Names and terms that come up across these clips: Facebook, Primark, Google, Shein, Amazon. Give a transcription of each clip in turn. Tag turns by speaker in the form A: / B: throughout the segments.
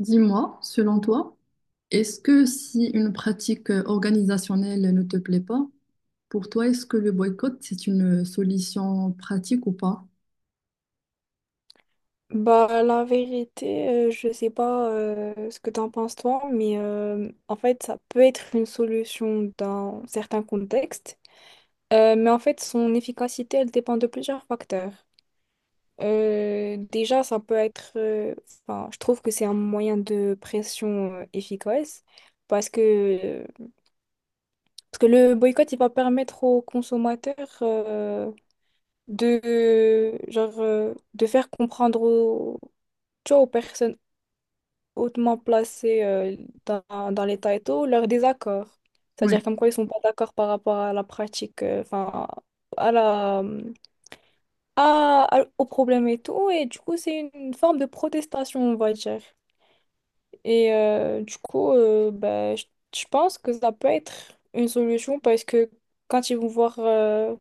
A: Dis-moi, selon toi, est-ce que si une pratique organisationnelle ne te plaît pas, pour toi, est-ce que le boycott, c'est une solution pratique ou pas?
B: Bah, la vérité, je sais pas ce que t'en penses toi, mais en fait, ça peut être une solution dans certains contextes. Mais en fait, son efficacité, elle dépend de plusieurs facteurs. Déjà, ça peut être, enfin, je trouve que c'est un moyen de pression efficace parce que, parce que le boycott, il va permettre aux consommateurs genre, de faire comprendre tu vois, aux personnes hautement placés dans les et leur désaccord.
A: Oui,
B: C'est-à-dire comme quoi ils sont pas d'accord par rapport à la pratique, enfin, à la, à- au problème et tout. Et du coup, c'est une forme de protestation, on va dire. Et du coup, ben, je pense que ça peut être une solution parce que quand ils vont voir,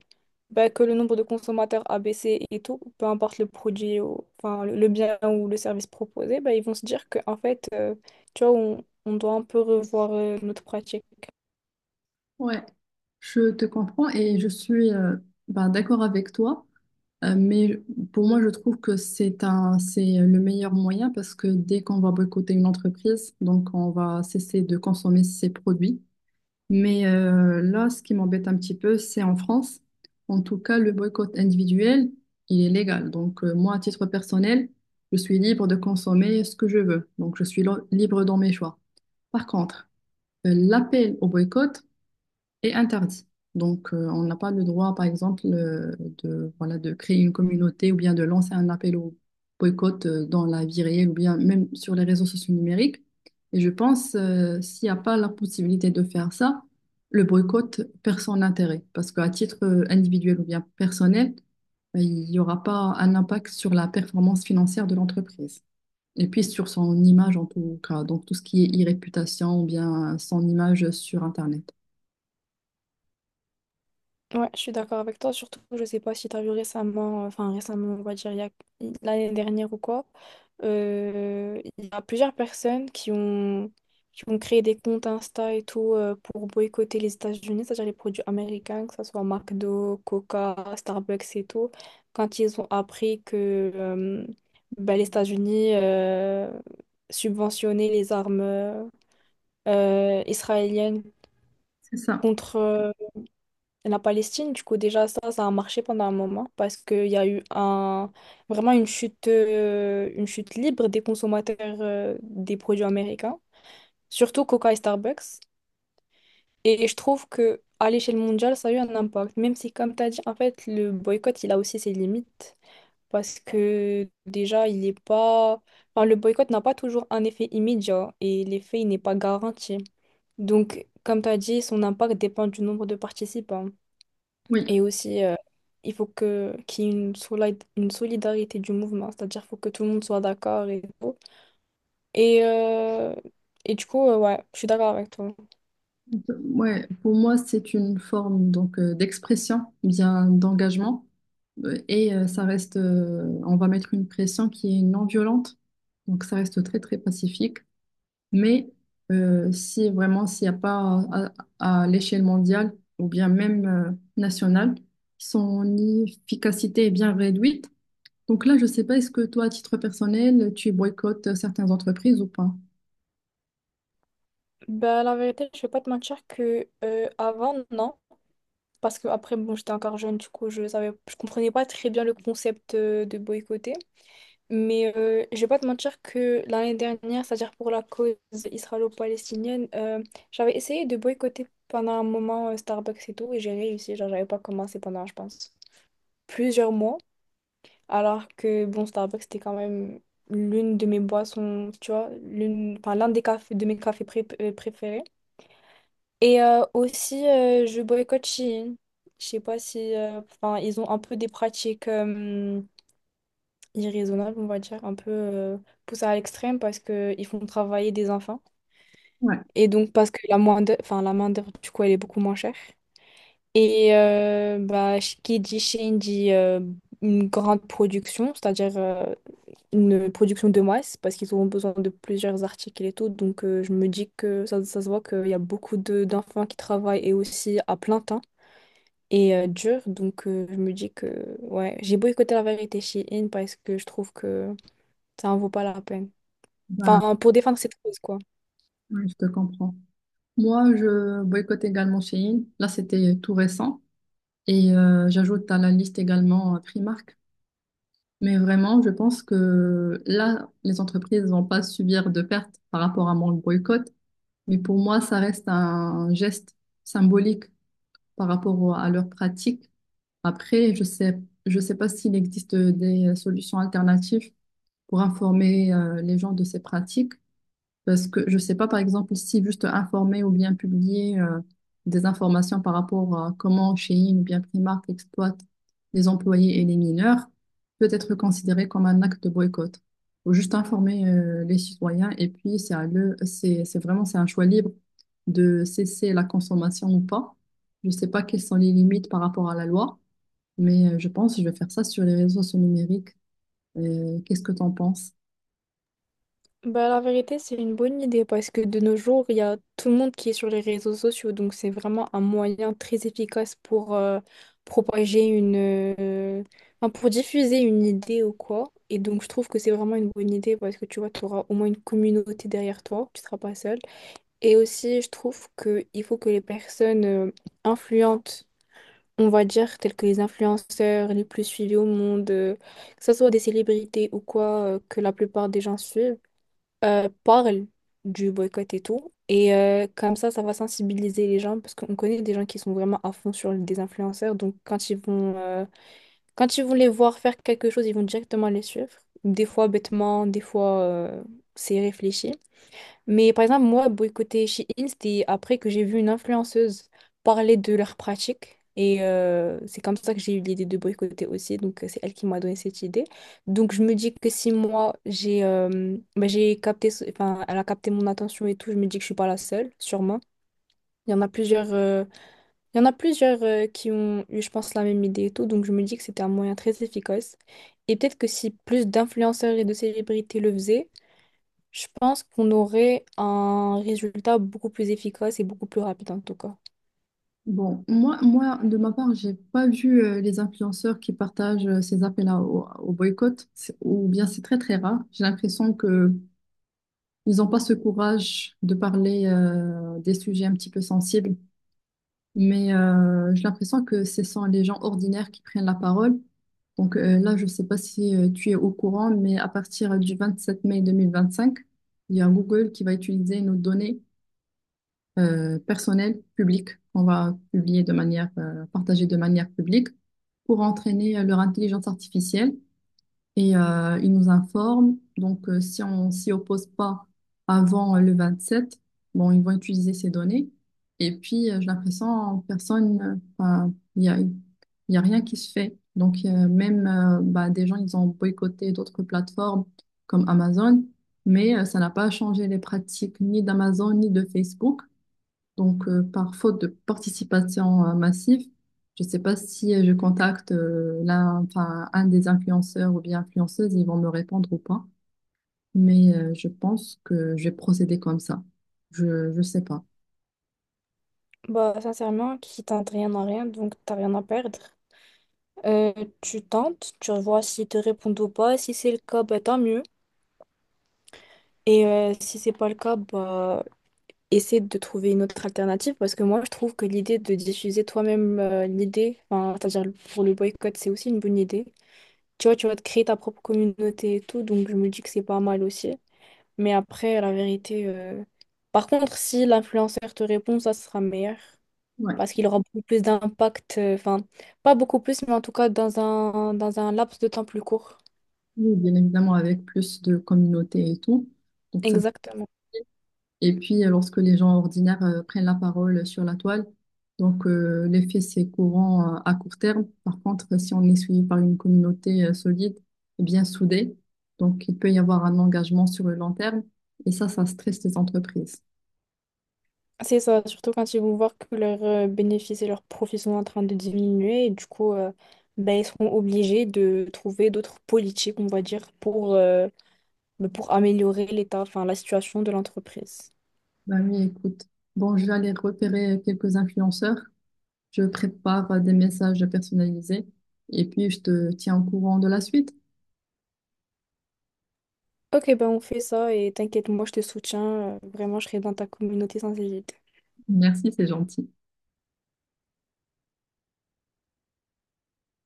B: bah, que le nombre de consommateurs a baissé et tout, peu importe le produit, ou, enfin, le bien ou le service proposé, bah, ils vont se dire que en fait, tu vois, on doit un peu revoir notre pratique.
A: ouais, ouais, je te comprends et je suis bah, d'accord avec toi, mais pour moi, je trouve que c'est un, c'est le meilleur moyen parce que dès qu'on va boycotter une entreprise, donc on va cesser de consommer ses produits. Mais là, ce qui m'embête un petit peu, c'est en France. En tout cas, le boycott individuel, il est légal. Donc, moi, à titre personnel, je suis libre de consommer ce que je veux. Donc, je suis libre dans mes choix. Par contre, l'appel au boycott, est interdit. Donc, on n'a pas le droit, par exemple, de, voilà, de créer une communauté ou bien de lancer un appel au boycott dans la vie réelle ou bien même sur les réseaux sociaux numériques. Et je pense, s'il n'y a pas la possibilité de faire ça, le boycott perd son intérêt parce qu'à titre individuel ou bien personnel, il n'y aura pas un impact sur la performance financière de l'entreprise. Et puis sur son image en tout cas, donc tout ce qui est e-réputation ou bien son image sur Internet.
B: Ouais, je suis d'accord avec toi. Surtout, je sais pas si tu as vu récemment, enfin récemment, on va dire l'année dernière ou quoi, il y a plusieurs personnes qui ont créé des comptes Insta et tout pour boycotter les États-Unis, c'est-à-dire les produits américains, que ce soit McDo, Coca, Starbucks et tout, quand ils ont appris que bah, les États-Unis subventionnaient les armes israéliennes
A: C'est ça.
B: contre la Palestine. Du coup, déjà, ça a marché pendant un moment parce qu'il y a eu vraiment une chute libre des consommateurs des produits américains, surtout Coca et Starbucks. Et je trouve que à l'échelle mondiale, ça a eu un impact, même si, comme tu as dit, en fait, le boycott, il a aussi ses limites parce que déjà, il n'est pas, enfin, le boycott n'a pas toujours un effet immédiat et l'effet, il n'est pas garanti. Donc, comme tu as dit, son impact dépend du nombre de participants.
A: Oui,
B: Et aussi, il faut que qu'il y ait une solidarité du mouvement, c'est-à-dire qu'il faut que tout le monde soit d'accord et tout. Et, euh, et du coup, ouais, je suis d'accord avec toi.
A: ouais, pour moi, c'est une forme donc d'expression, bien d'engagement, ça reste, on va mettre une pression qui est non violente, donc ça reste très très pacifique. Mais si vraiment s'il n'y a pas à, l'échelle mondiale ou bien même nationale, son efficacité est bien réduite. Donc là, je sais pas, est-ce que toi, à titre personnel, tu boycottes certaines entreprises ou pas?
B: Ben, la vérité, je vais pas te mentir que avant, non. Parce que après, bon, j'étais encore jeune, du coup, je comprenais pas très bien le concept de boycotter. Mais je vais pas te mentir que l'année dernière, c'est-à-dire pour la cause israélo-palestinienne, j'avais essayé de boycotter pendant un moment Starbucks et tout, et j'ai réussi. Genre, j'avais pas commencé pendant, je pense, plusieurs mois. Alors que, bon, Starbucks, c'était quand même l'une de mes boissons, tu vois, enfin, l'un des cafés, de mes cafés préférés. Et aussi, je boycotte Shein. Je sais pas si, enfin, ils ont un peu des pratiques, irraisonnable on va dire, un peu poussés à l'extrême parce qu'ils font travailler des enfants.
A: Ouais,
B: Et donc parce que la main d'œuvre, du coup, elle est beaucoup moins chère. Et bah, qui dit Chine dit une grande production, c'est-à-dire une production de masse, parce qu'ils auront besoin de plusieurs articles et tout. Donc je me dis que ça se voit qu'il y a beaucoup de d'enfants qui travaillent et aussi à plein temps et dur. Donc je me dis que ouais, j'ai boycotté la vérité Shein parce que je trouve que ça en vaut pas la peine.
A: bah,
B: Enfin, pour défendre cette cause, quoi.
A: ouais, je te comprends. Moi, je boycotte également Shein. Là, c'était tout récent. Et j'ajoute à la liste également Primark. Mais vraiment, je pense que là, les entreprises vont pas subir de pertes par rapport à mon boycott. Mais pour moi, ça reste un geste symbolique par rapport à leur pratique. Après, je sais pas s'il existe des solutions alternatives pour informer les gens de ces pratiques. Parce que je sais pas, par exemple, si juste informer ou bien publier des informations par rapport à comment Shein ou bien Primark exploite les employés et les mineurs peut être considéré comme un acte de boycott. Faut juste informer les citoyens et puis c'est à eux, c'est vraiment c'est un choix libre de cesser la consommation ou pas. Je sais pas quelles sont les limites par rapport à la loi, mais je pense que je vais faire ça sur les réseaux sociaux numériques. Qu'est-ce que tu en penses?
B: Bah, la vérité, c'est une bonne idée parce que de nos jours, il y a tout le monde qui est sur les réseaux sociaux. Donc, c'est vraiment un moyen très efficace pour propager une... euh, enfin, pour diffuser une idée ou quoi. Et donc, je trouve que c'est vraiment une bonne idée parce que tu vois, tu auras au moins une communauté derrière toi. Tu seras pas seul. Et aussi, je trouve qu'il faut que les personnes influentes, on va dire, telles que les influenceurs les plus suivis au monde, que ce soit des célébrités ou quoi, que la plupart des gens suivent, parlent du boycott et tout. Et comme ça va sensibiliser les gens parce qu'on connaît des gens qui sont vraiment à fond sur des influenceurs. Donc, quand ils vont les voir faire quelque chose, ils vont directement les suivre. Des fois bêtement, des fois c'est réfléchi. Mais par exemple, moi, boycotter Shein, c'était après que j'ai vu une influenceuse parler de leur pratique. Et c'est comme ça que j'ai eu l'idée de boycotter aussi. Donc, c'est elle qui m'a donné cette idée. Donc, je me dis que si moi, j'ai bah, j'ai capté, enfin, elle a capté mon attention et tout, je me dis que je suis pas la seule, sûrement. Il y en a plusieurs, il y en a plusieurs qui ont eu, je pense, la même idée et tout. Donc, je me dis que c'était un moyen très efficace. Et peut-être que si plus d'influenceurs et de célébrités le faisaient, je pense qu'on aurait un résultat beaucoup plus efficace et beaucoup plus rapide en tout cas.
A: Bon, moi, de ma part, j'ai pas vu les influenceurs qui partagent ces appels-là au, au boycott, ou bien c'est très très rare. J'ai l'impression que ils n'ont pas ce courage de parler des sujets un petit peu sensibles, mais j'ai l'impression que ce sont les gens ordinaires qui prennent la parole. Donc là, je sais pas si tu es au courant, mais à partir du 27 mai 2025, il y a Google qui va utiliser nos données personnel, public, qu'on va publier de manière, partager de manière publique pour entraîner leur intelligence artificielle. Et ils nous informent. Donc, si on s'y oppose pas avant le 27 bon, ils vont utiliser ces données. Et puis, j'ai l'impression, enfin, il y a rien qui se fait. Donc, même bah, des gens, ils ont boycotté d'autres plateformes comme Amazon, mais ça n'a pas changé les pratiques ni d'Amazon ni de Facebook. Donc, par faute de participation massive, je ne sais pas si je contacte enfin, un des influenceurs ou bien influenceuses, ils vont me répondre ou pas. Mais je pense que je vais procéder comme ça. Je ne sais pas.
B: Bah, sincèrement, qui tente rien à rien, donc t'as rien à perdre. Euh, Tu tentes, tu vois s'ils te répondent ou pas. Si c'est le cas, bah, tant mieux. Et si c'est pas le cas, bah, essaie de trouver une autre alternative parce que moi, je trouve que l'idée de diffuser toi-même l'idée, enfin, c'est-à-dire pour le boycott, c'est aussi une bonne idée. Tu vois, tu vas te créer ta propre communauté et tout, donc je me dis que c'est pas mal aussi. Mais après, la vérité. Par contre, si l'influenceur te répond, ça sera meilleur.
A: Ouais.
B: Parce qu'il aura beaucoup plus d'impact. Enfin, pas beaucoup plus, mais en tout cas, dans un laps de temps plus court.
A: Oui, bien évidemment, avec plus de communauté et tout. Donc, ça.
B: Exactement.
A: Et puis, lorsque les gens ordinaires prennent la parole sur la toile, donc l'effet, c'est courant à court terme. Par contre, si on est suivi par une communauté solide, eh bien soudée, donc il peut y avoir un engagement sur le long terme. Et ça stresse les entreprises.
B: C'est ça, surtout quand ils vont voir que leurs bénéfices et leurs profits sont en train de diminuer. Et du coup, ben, ils seront obligés de trouver d'autres politiques, on va dire, pour améliorer l'état, enfin, la situation de l'entreprise.
A: Bah oui, écoute. Bon, je vais aller repérer quelques influenceurs. Je prépare des messages personnalisés. Et puis, je te tiens au courant de la suite.
B: Ok, ben on fait ça et t'inquiète, moi je te soutiens. Vraiment, je serai dans ta communauté sans hésiter.
A: Merci, c'est gentil.